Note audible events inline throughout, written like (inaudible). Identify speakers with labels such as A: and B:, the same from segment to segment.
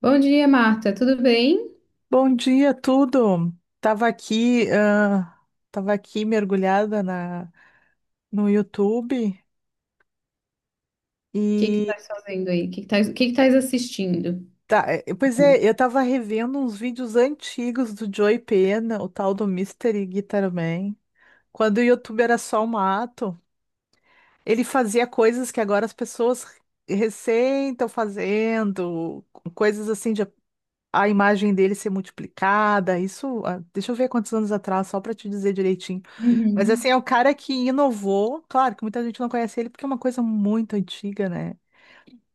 A: Bom dia, Marta. Tudo bem? O
B: Bom dia, tudo. Tava aqui, ah, tava aqui mergulhada no YouTube
A: que que
B: e
A: estás fazendo aí? O que que estás, o que que estás assistindo?
B: tá, pois é, eu tava revendo uns vídeos antigos do Joey Pena, o tal do Mystery Guitar Man, quando o YouTube era só o mato. Ele fazia coisas que agora as pessoas recém estão fazendo, coisas assim de a imagem dele ser multiplicada. Isso, deixa eu ver quantos anos atrás, só para te dizer direitinho. Mas assim,
A: Uhum.
B: é o cara que inovou. Claro que muita gente não conhece ele porque é uma coisa muito antiga, né?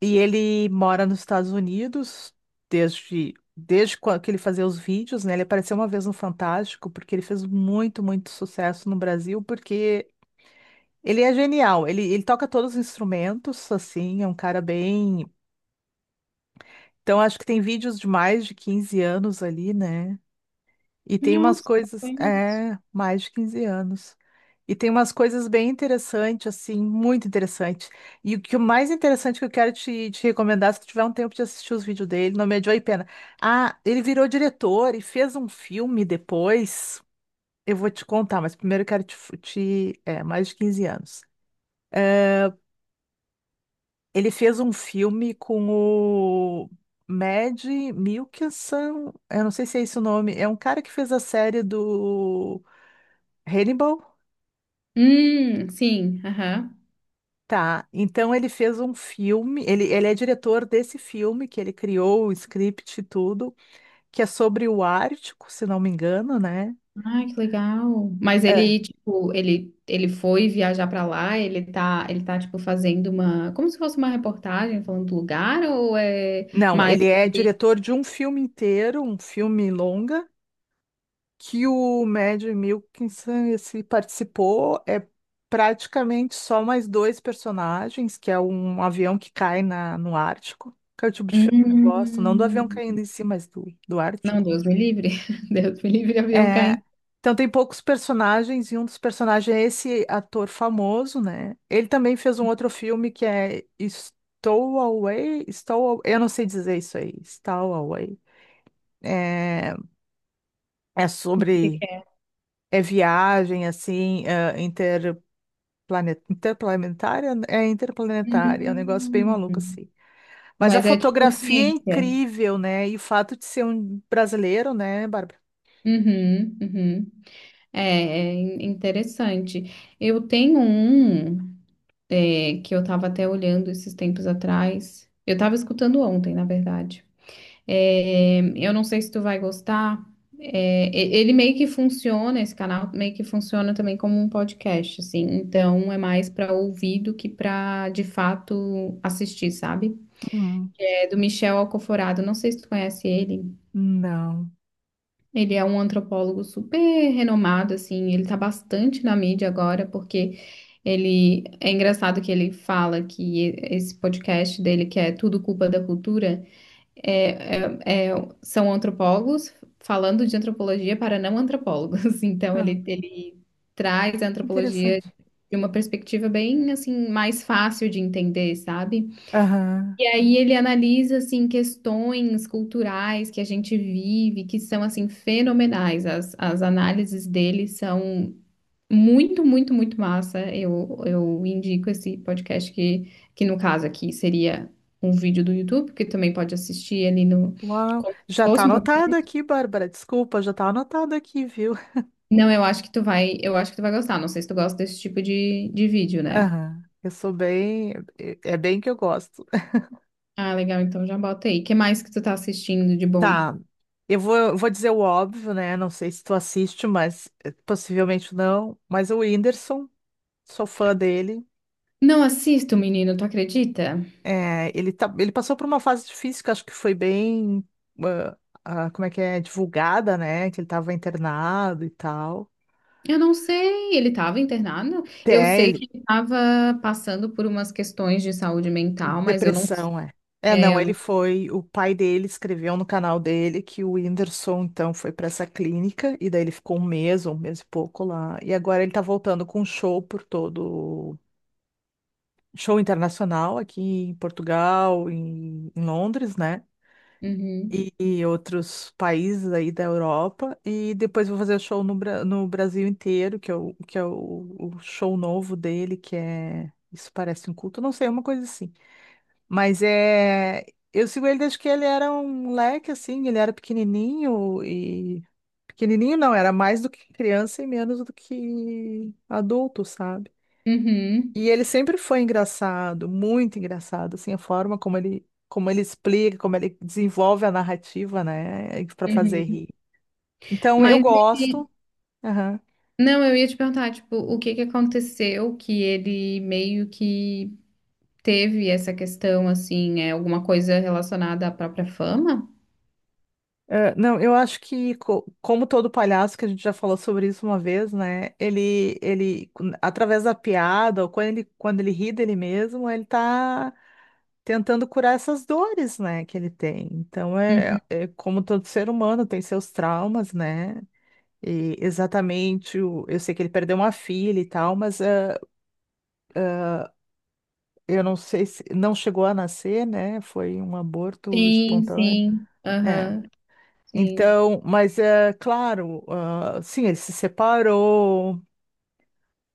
B: E ele mora nos Estados Unidos desde quando que ele fazia os vídeos, né? Ele apareceu uma vez no Fantástico porque ele fez muito, muito sucesso no Brasil porque ele é genial. Ele toca todos os instrumentos, assim, é um cara bem. Então acho que tem vídeos de mais de 15 anos ali, né? E tem umas
A: Nossa, não
B: coisas,
A: conheço.
B: é, mais de 15 anos. E tem umas coisas bem interessantes, assim, muito interessante. E o que o mais interessante que eu quero te recomendar, se tu tiver um tempo de assistir os vídeos dele, não me adiou e pena. Ah, ele virou diretor e fez um filme depois. Eu vou te contar, mas primeiro eu quero te, é, mais de 15 anos. É, ele fez um filme com o Mad Mikkelsen, eu não sei se é esse o nome, é um cara que fez a série do Hannibal?
A: Sim, aham.
B: Tá. Então ele fez um filme, ele é diretor desse filme que ele criou o script e tudo, que é sobre o Ártico, se não me engano, né?
A: Ai, que legal. Mas
B: É.
A: ele, tipo, ele foi viajar pra lá, ele tá, tipo, fazendo uma, como se fosse uma reportagem falando do lugar, ou é
B: Não,
A: mais
B: ele é
A: sobre...
B: diretor de um filme inteiro, um filme longa, que o Mad Mikkelsen esse, participou. É praticamente só mais dois personagens, que é um avião que cai no Ártico, que é o tipo de filme que eu gosto, não do avião caindo
A: Hum,
B: em si, mas do
A: não,
B: Ártico.
A: Deus me livre. (laughs) Deus me livre, avião
B: É,
A: caindo.
B: então tem poucos personagens e um dos personagens é esse ator famoso, né? Ele também fez um outro filme que é Stowaway, Stow, eu não sei dizer isso aí, Stowaway. É, é
A: O que que
B: sobre
A: é?
B: é viagem assim, interplanetária, é um negócio bem
A: Hum,
B: maluco assim. Mas a
A: mas é tipo
B: fotografia é
A: ciência.
B: incrível, né? E o fato de ser um brasileiro, né, Bárbara?
A: Uhum, uhum. É, interessante. Eu tenho um é, que eu estava até olhando esses tempos atrás. Eu estava escutando ontem, na verdade. É, eu não sei se tu vai gostar. É, ele meio que funciona, esse canal meio que funciona também como um podcast, assim. Então é mais para ouvir do que para de fato assistir, sabe?
B: Hum,
A: É do Michel Alcoforado. Não sei se tu conhece ele.
B: não.
A: Ele é um antropólogo super renomado, assim, ele tá bastante na mídia agora, porque ele é engraçado que ele fala que esse podcast dele, que é Tudo Culpa da Cultura, é, é- é- são antropólogos falando de antropologia para não antropólogos. (laughs) Então ele,
B: (laughs)
A: ele traz a antropologia
B: Interessante.
A: de uma perspectiva bem assim mais fácil de entender, sabe?
B: Aham.
A: E aí ele analisa assim questões culturais que a gente vive, que são assim fenomenais. As análises dele são muito, muito, muito massa. Eu indico esse podcast que no caso aqui seria um vídeo do YouTube, que também pode assistir ali no
B: Uau.
A: como se
B: Já tá
A: fosse um
B: anotado
A: podcast.
B: aqui, Bárbara. Desculpa, já tá anotado aqui, viu? (laughs)
A: Não, eu acho que tu vai, eu acho que tu vai gostar. Não sei se tu gosta desse tipo de vídeo, né?
B: Aham. Eu sou bem. É bem que eu gosto.
A: Ah, legal, então já bota aí. O que mais que tu tá assistindo de bom?
B: Tá. Eu vou dizer o óbvio, né? Não sei se tu assiste, mas possivelmente não. Mas o Whindersson, sou fã dele.
A: Não assisto, menino, tu acredita?
B: É, ele passou por uma fase difícil que acho que foi bem. ah, como é que é? Divulgada, né? Que ele estava internado e tal.
A: Eu não sei, ele estava internado. Eu
B: É,
A: sei que
B: ele
A: ele estava passando por umas questões de saúde mental, mas eu não.
B: depressão, é. É, não, ele foi. O pai dele escreveu no canal dele que o Whindersson, então, foi para essa clínica, e daí ele ficou um mês, ou um mês e pouco lá. E agora ele tá voltando com show por todo. Show internacional aqui em Portugal, em Londres, né?
A: Uhum,
B: E outros países aí da Europa. E depois vou fazer show no Brasil inteiro, que é, o show novo dele, que é. Isso parece um culto, não sei, uma coisa assim. Mas é. Eu sigo ele desde que ele era um moleque, assim, ele era pequenininho e. Pequenininho não, era mais do que criança e menos do que adulto, sabe?
A: uhum,
B: E ele sempre foi engraçado, muito engraçado, assim, a forma como ele, explica, como ele desenvolve a narrativa, né, para fazer
A: uhum.
B: rir. Então eu
A: Mas
B: gosto.
A: ele... Não, eu ia te perguntar, tipo, o que que aconteceu que ele meio que teve essa questão, assim, é alguma coisa relacionada à própria fama?
B: É, não, eu acho que, como todo palhaço, que a gente já falou sobre isso uma vez, né? Ele, através da piada, ou quando ele ri dele mesmo, ele tá tentando curar essas dores, né, que ele tem. Então,
A: Uhum.
B: é como todo ser humano, tem seus traumas, né? E exatamente, eu sei que ele perdeu uma filha e tal, mas é, eu não sei se não chegou a nascer, né? Foi um aborto
A: Sim,
B: espontâneo.
A: sim,
B: É.
A: aham, sim.
B: Então, mas é claro, ah, sim, ele se separou.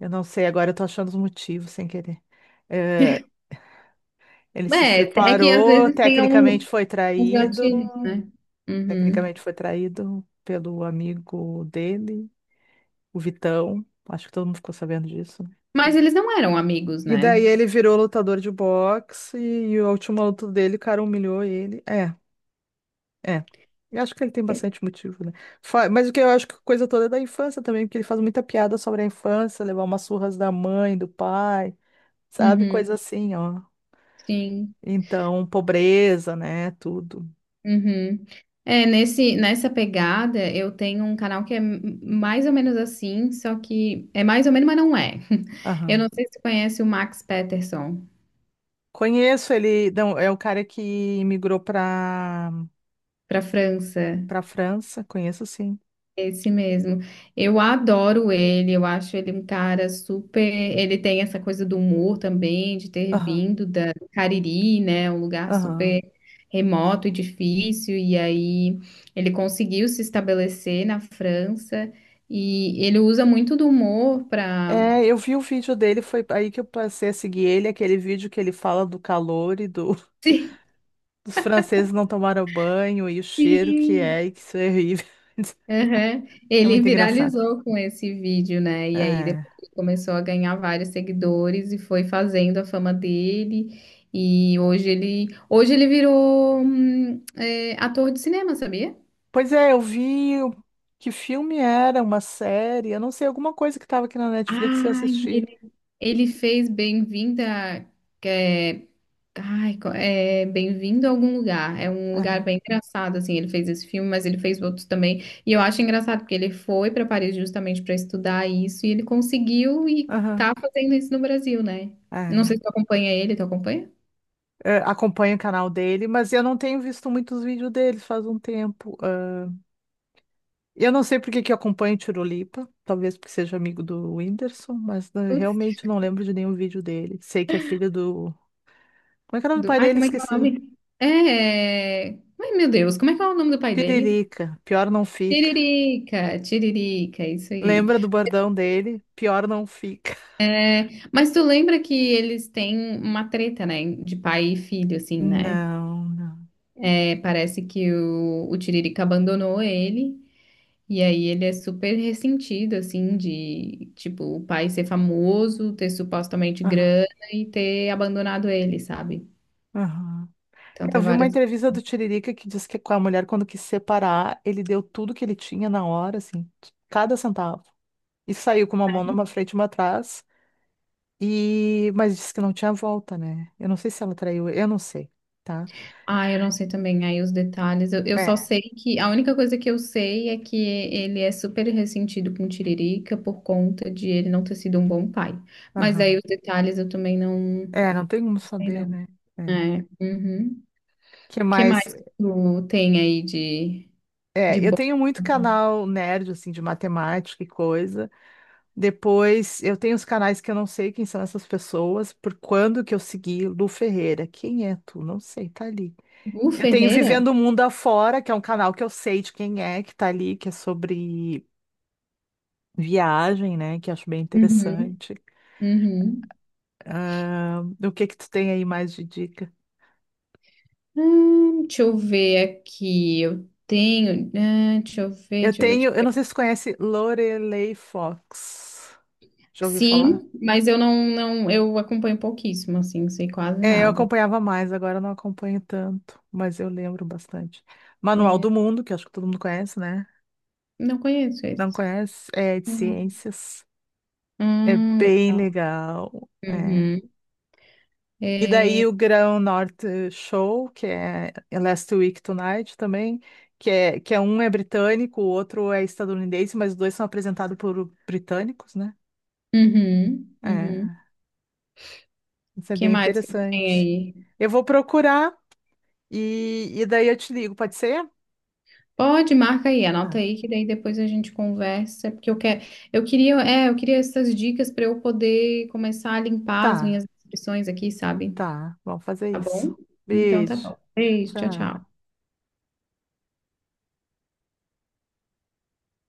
B: Eu não sei, agora eu tô achando os motivos sem querer. É,
A: (laughs)
B: ele se
A: É, é que às
B: separou,
A: vezes tem
B: tecnicamente
A: um,
B: foi
A: uns
B: traído
A: gatilhos, né? Uhum.
B: pelo amigo dele, o Vitão. Acho que todo mundo ficou sabendo disso, né?
A: Mas eles não eram amigos,
B: E daí
A: né?
B: ele virou lutador de boxe e a última luta dele, o cara humilhou ele. É. É. Eu acho que ele tem bastante motivo, né? Mas o que eu acho que a coisa toda é da infância também, porque ele faz muita piada sobre a infância, levar umas surras da mãe, do pai, sabe?
A: Uhum,
B: Coisa assim, ó.
A: sim.
B: Então, pobreza, né? Tudo.
A: Uhum. É, nesse, nessa pegada, eu tenho um canal que é mais ou menos assim, só que é mais ou menos, mas não é. (laughs) Eu não
B: Aham.
A: sei se você conhece o Max Peterson,
B: Conheço ele, não, é o cara que imigrou pra,
A: para França.
B: pra França, conheço sim.
A: Esse mesmo. Eu adoro ele, eu acho ele um cara super. Ele tem essa coisa do humor também, de ter
B: Aham,
A: vindo da do Cariri, né? Um lugar
B: aham.
A: super remoto e difícil. E aí ele conseguiu se estabelecer na França e ele usa muito do humor para
B: É, eu vi o vídeo dele, foi aí que eu passei a seguir ele, aquele vídeo que ele fala do calor e do.
A: (laughs)
B: Os franceses não tomaram banho e o cheiro que
A: Sim,
B: é, e que isso é horrível. (laughs)
A: aham.
B: É
A: Ele
B: muito engraçado.
A: viralizou com esse vídeo, né? E aí
B: É.
A: depois ele começou a ganhar vários seguidores e foi fazendo a fama dele. E hoje ele virou ator de cinema, sabia?
B: Pois é, eu vi que filme era, uma série, eu não sei, alguma coisa que estava aqui na Netflix que eu
A: Ai,
B: assisti.
A: ele ele fez Bem-vinda, ai, é Bem-vindo a algum lugar. É um lugar
B: Aham,
A: bem engraçado, assim. Ele fez esse filme, mas ele fez outros também. E eu acho engraçado porque ele foi para Paris justamente para estudar isso e ele conseguiu e
B: aham,
A: tá fazendo isso no Brasil, né? Não sei
B: é.
A: se tu acompanha ele, tu acompanha?
B: É, acompanho o canal dele, mas eu não tenho visto muitos vídeos dele faz um tempo. Ah, eu não sei por que que eu acompanho o Tirolipa, talvez porque seja amigo do Whindersson, mas né,
A: Putz,
B: realmente não lembro de nenhum vídeo dele. Sei que é filho do. Como é que é o nome do pai
A: ai,
B: dele?
A: como é que é o
B: Esqueci.
A: nome? É. Ai, meu Deus, como é que é o nome do pai dele?
B: Tiririca, pior não fica.
A: Tiririca, Tiririca, isso aí.
B: Lembra do bordão dele? Pior não fica.
A: Mas tu lembra que eles têm uma treta, né? De pai e filho, assim, né?
B: Não, não.
A: É, parece que o Tiririca abandonou ele, e aí ele é super ressentido, assim, de, tipo, o pai ser famoso, ter supostamente
B: Aham,
A: grana e ter abandonado ele, sabe?
B: aham.
A: Então
B: Eu
A: tem
B: vi uma
A: várias.
B: entrevista do Tiririca que diz que com a mulher, quando quis separar, ele deu tudo que ele tinha na hora, assim, cada centavo. E saiu com uma mão numa frente e uma atrás. E, mas disse que não tinha volta, né? Eu não sei se ela traiu, eu não sei, tá?
A: Ah, eu não sei também aí os detalhes. Eu só
B: É,
A: sei que a única coisa que eu sei é que ele é super ressentido com o Tiririca por conta de ele não ter sido um bom pai. Mas aí
B: aham.
A: os detalhes eu também não não
B: É, não tem como
A: sei,
B: saber,
A: não.
B: né? É.
A: É. Uhum.
B: Que
A: Que
B: mais?
A: mais tu tem aí de. De
B: É, eu
A: boa.
B: tenho muito canal nerd, assim, de matemática e coisa. Depois, eu tenho os canais que eu não sei quem são essas pessoas, por quando que eu segui Lu Ferreira. Quem é tu? Não sei, tá ali.
A: Gu
B: Eu tenho
A: Ferreira?
B: Vivendo o Mundo Afora, que é um canal que eu sei de quem é, que tá ali, que é sobre viagem, né? Que eu acho bem
A: Uhum,
B: interessante.
A: uhum.
B: Ah, o que que tu tem aí mais de dica?
A: Deixa eu ver aqui. Eu tenho. Ah, deixa eu ver,
B: Eu
A: deixa eu ver, deixa
B: tenho,
A: eu
B: eu
A: ver.
B: não sei se tu conhece Lorelei Fox. Já ouviu falar?
A: Sim, mas eu não, não, eu acompanho pouquíssimo, assim, não sei quase
B: É, eu
A: nada.
B: acompanhava mais, agora eu não acompanho tanto, mas eu lembro bastante. Manual
A: É,
B: do Mundo, que eu acho que todo mundo conhece, né?
A: não conheço
B: Não
A: esse.
B: conhece? É de
A: Não.
B: ciências. É bem
A: Legal.
B: legal. É.
A: Uhum.
B: E
A: É,
B: daí o Grão Norte Show, que é Last Week Tonight também, que é um, é britânico, o outro é estadunidense, mas os dois são apresentados por britânicos, né?
A: uhum, uhum.
B: É, isso é
A: Que
B: bem
A: mais que tem
B: interessante.
A: aí?
B: Eu vou procurar e daí eu te ligo, pode ser?
A: Pode, marca aí, anota
B: Tá,
A: aí que daí depois a gente conversa, porque eu quero, eu queria, é, eu queria essas dicas para eu poder começar a limpar as
B: tá,
A: minhas inscrições aqui, sabe?
B: tá. Vamos fazer
A: Tá
B: isso.
A: bom? Então tá
B: Beijo.
A: bom. Beijo, tchau,
B: Tchau.
A: tchau.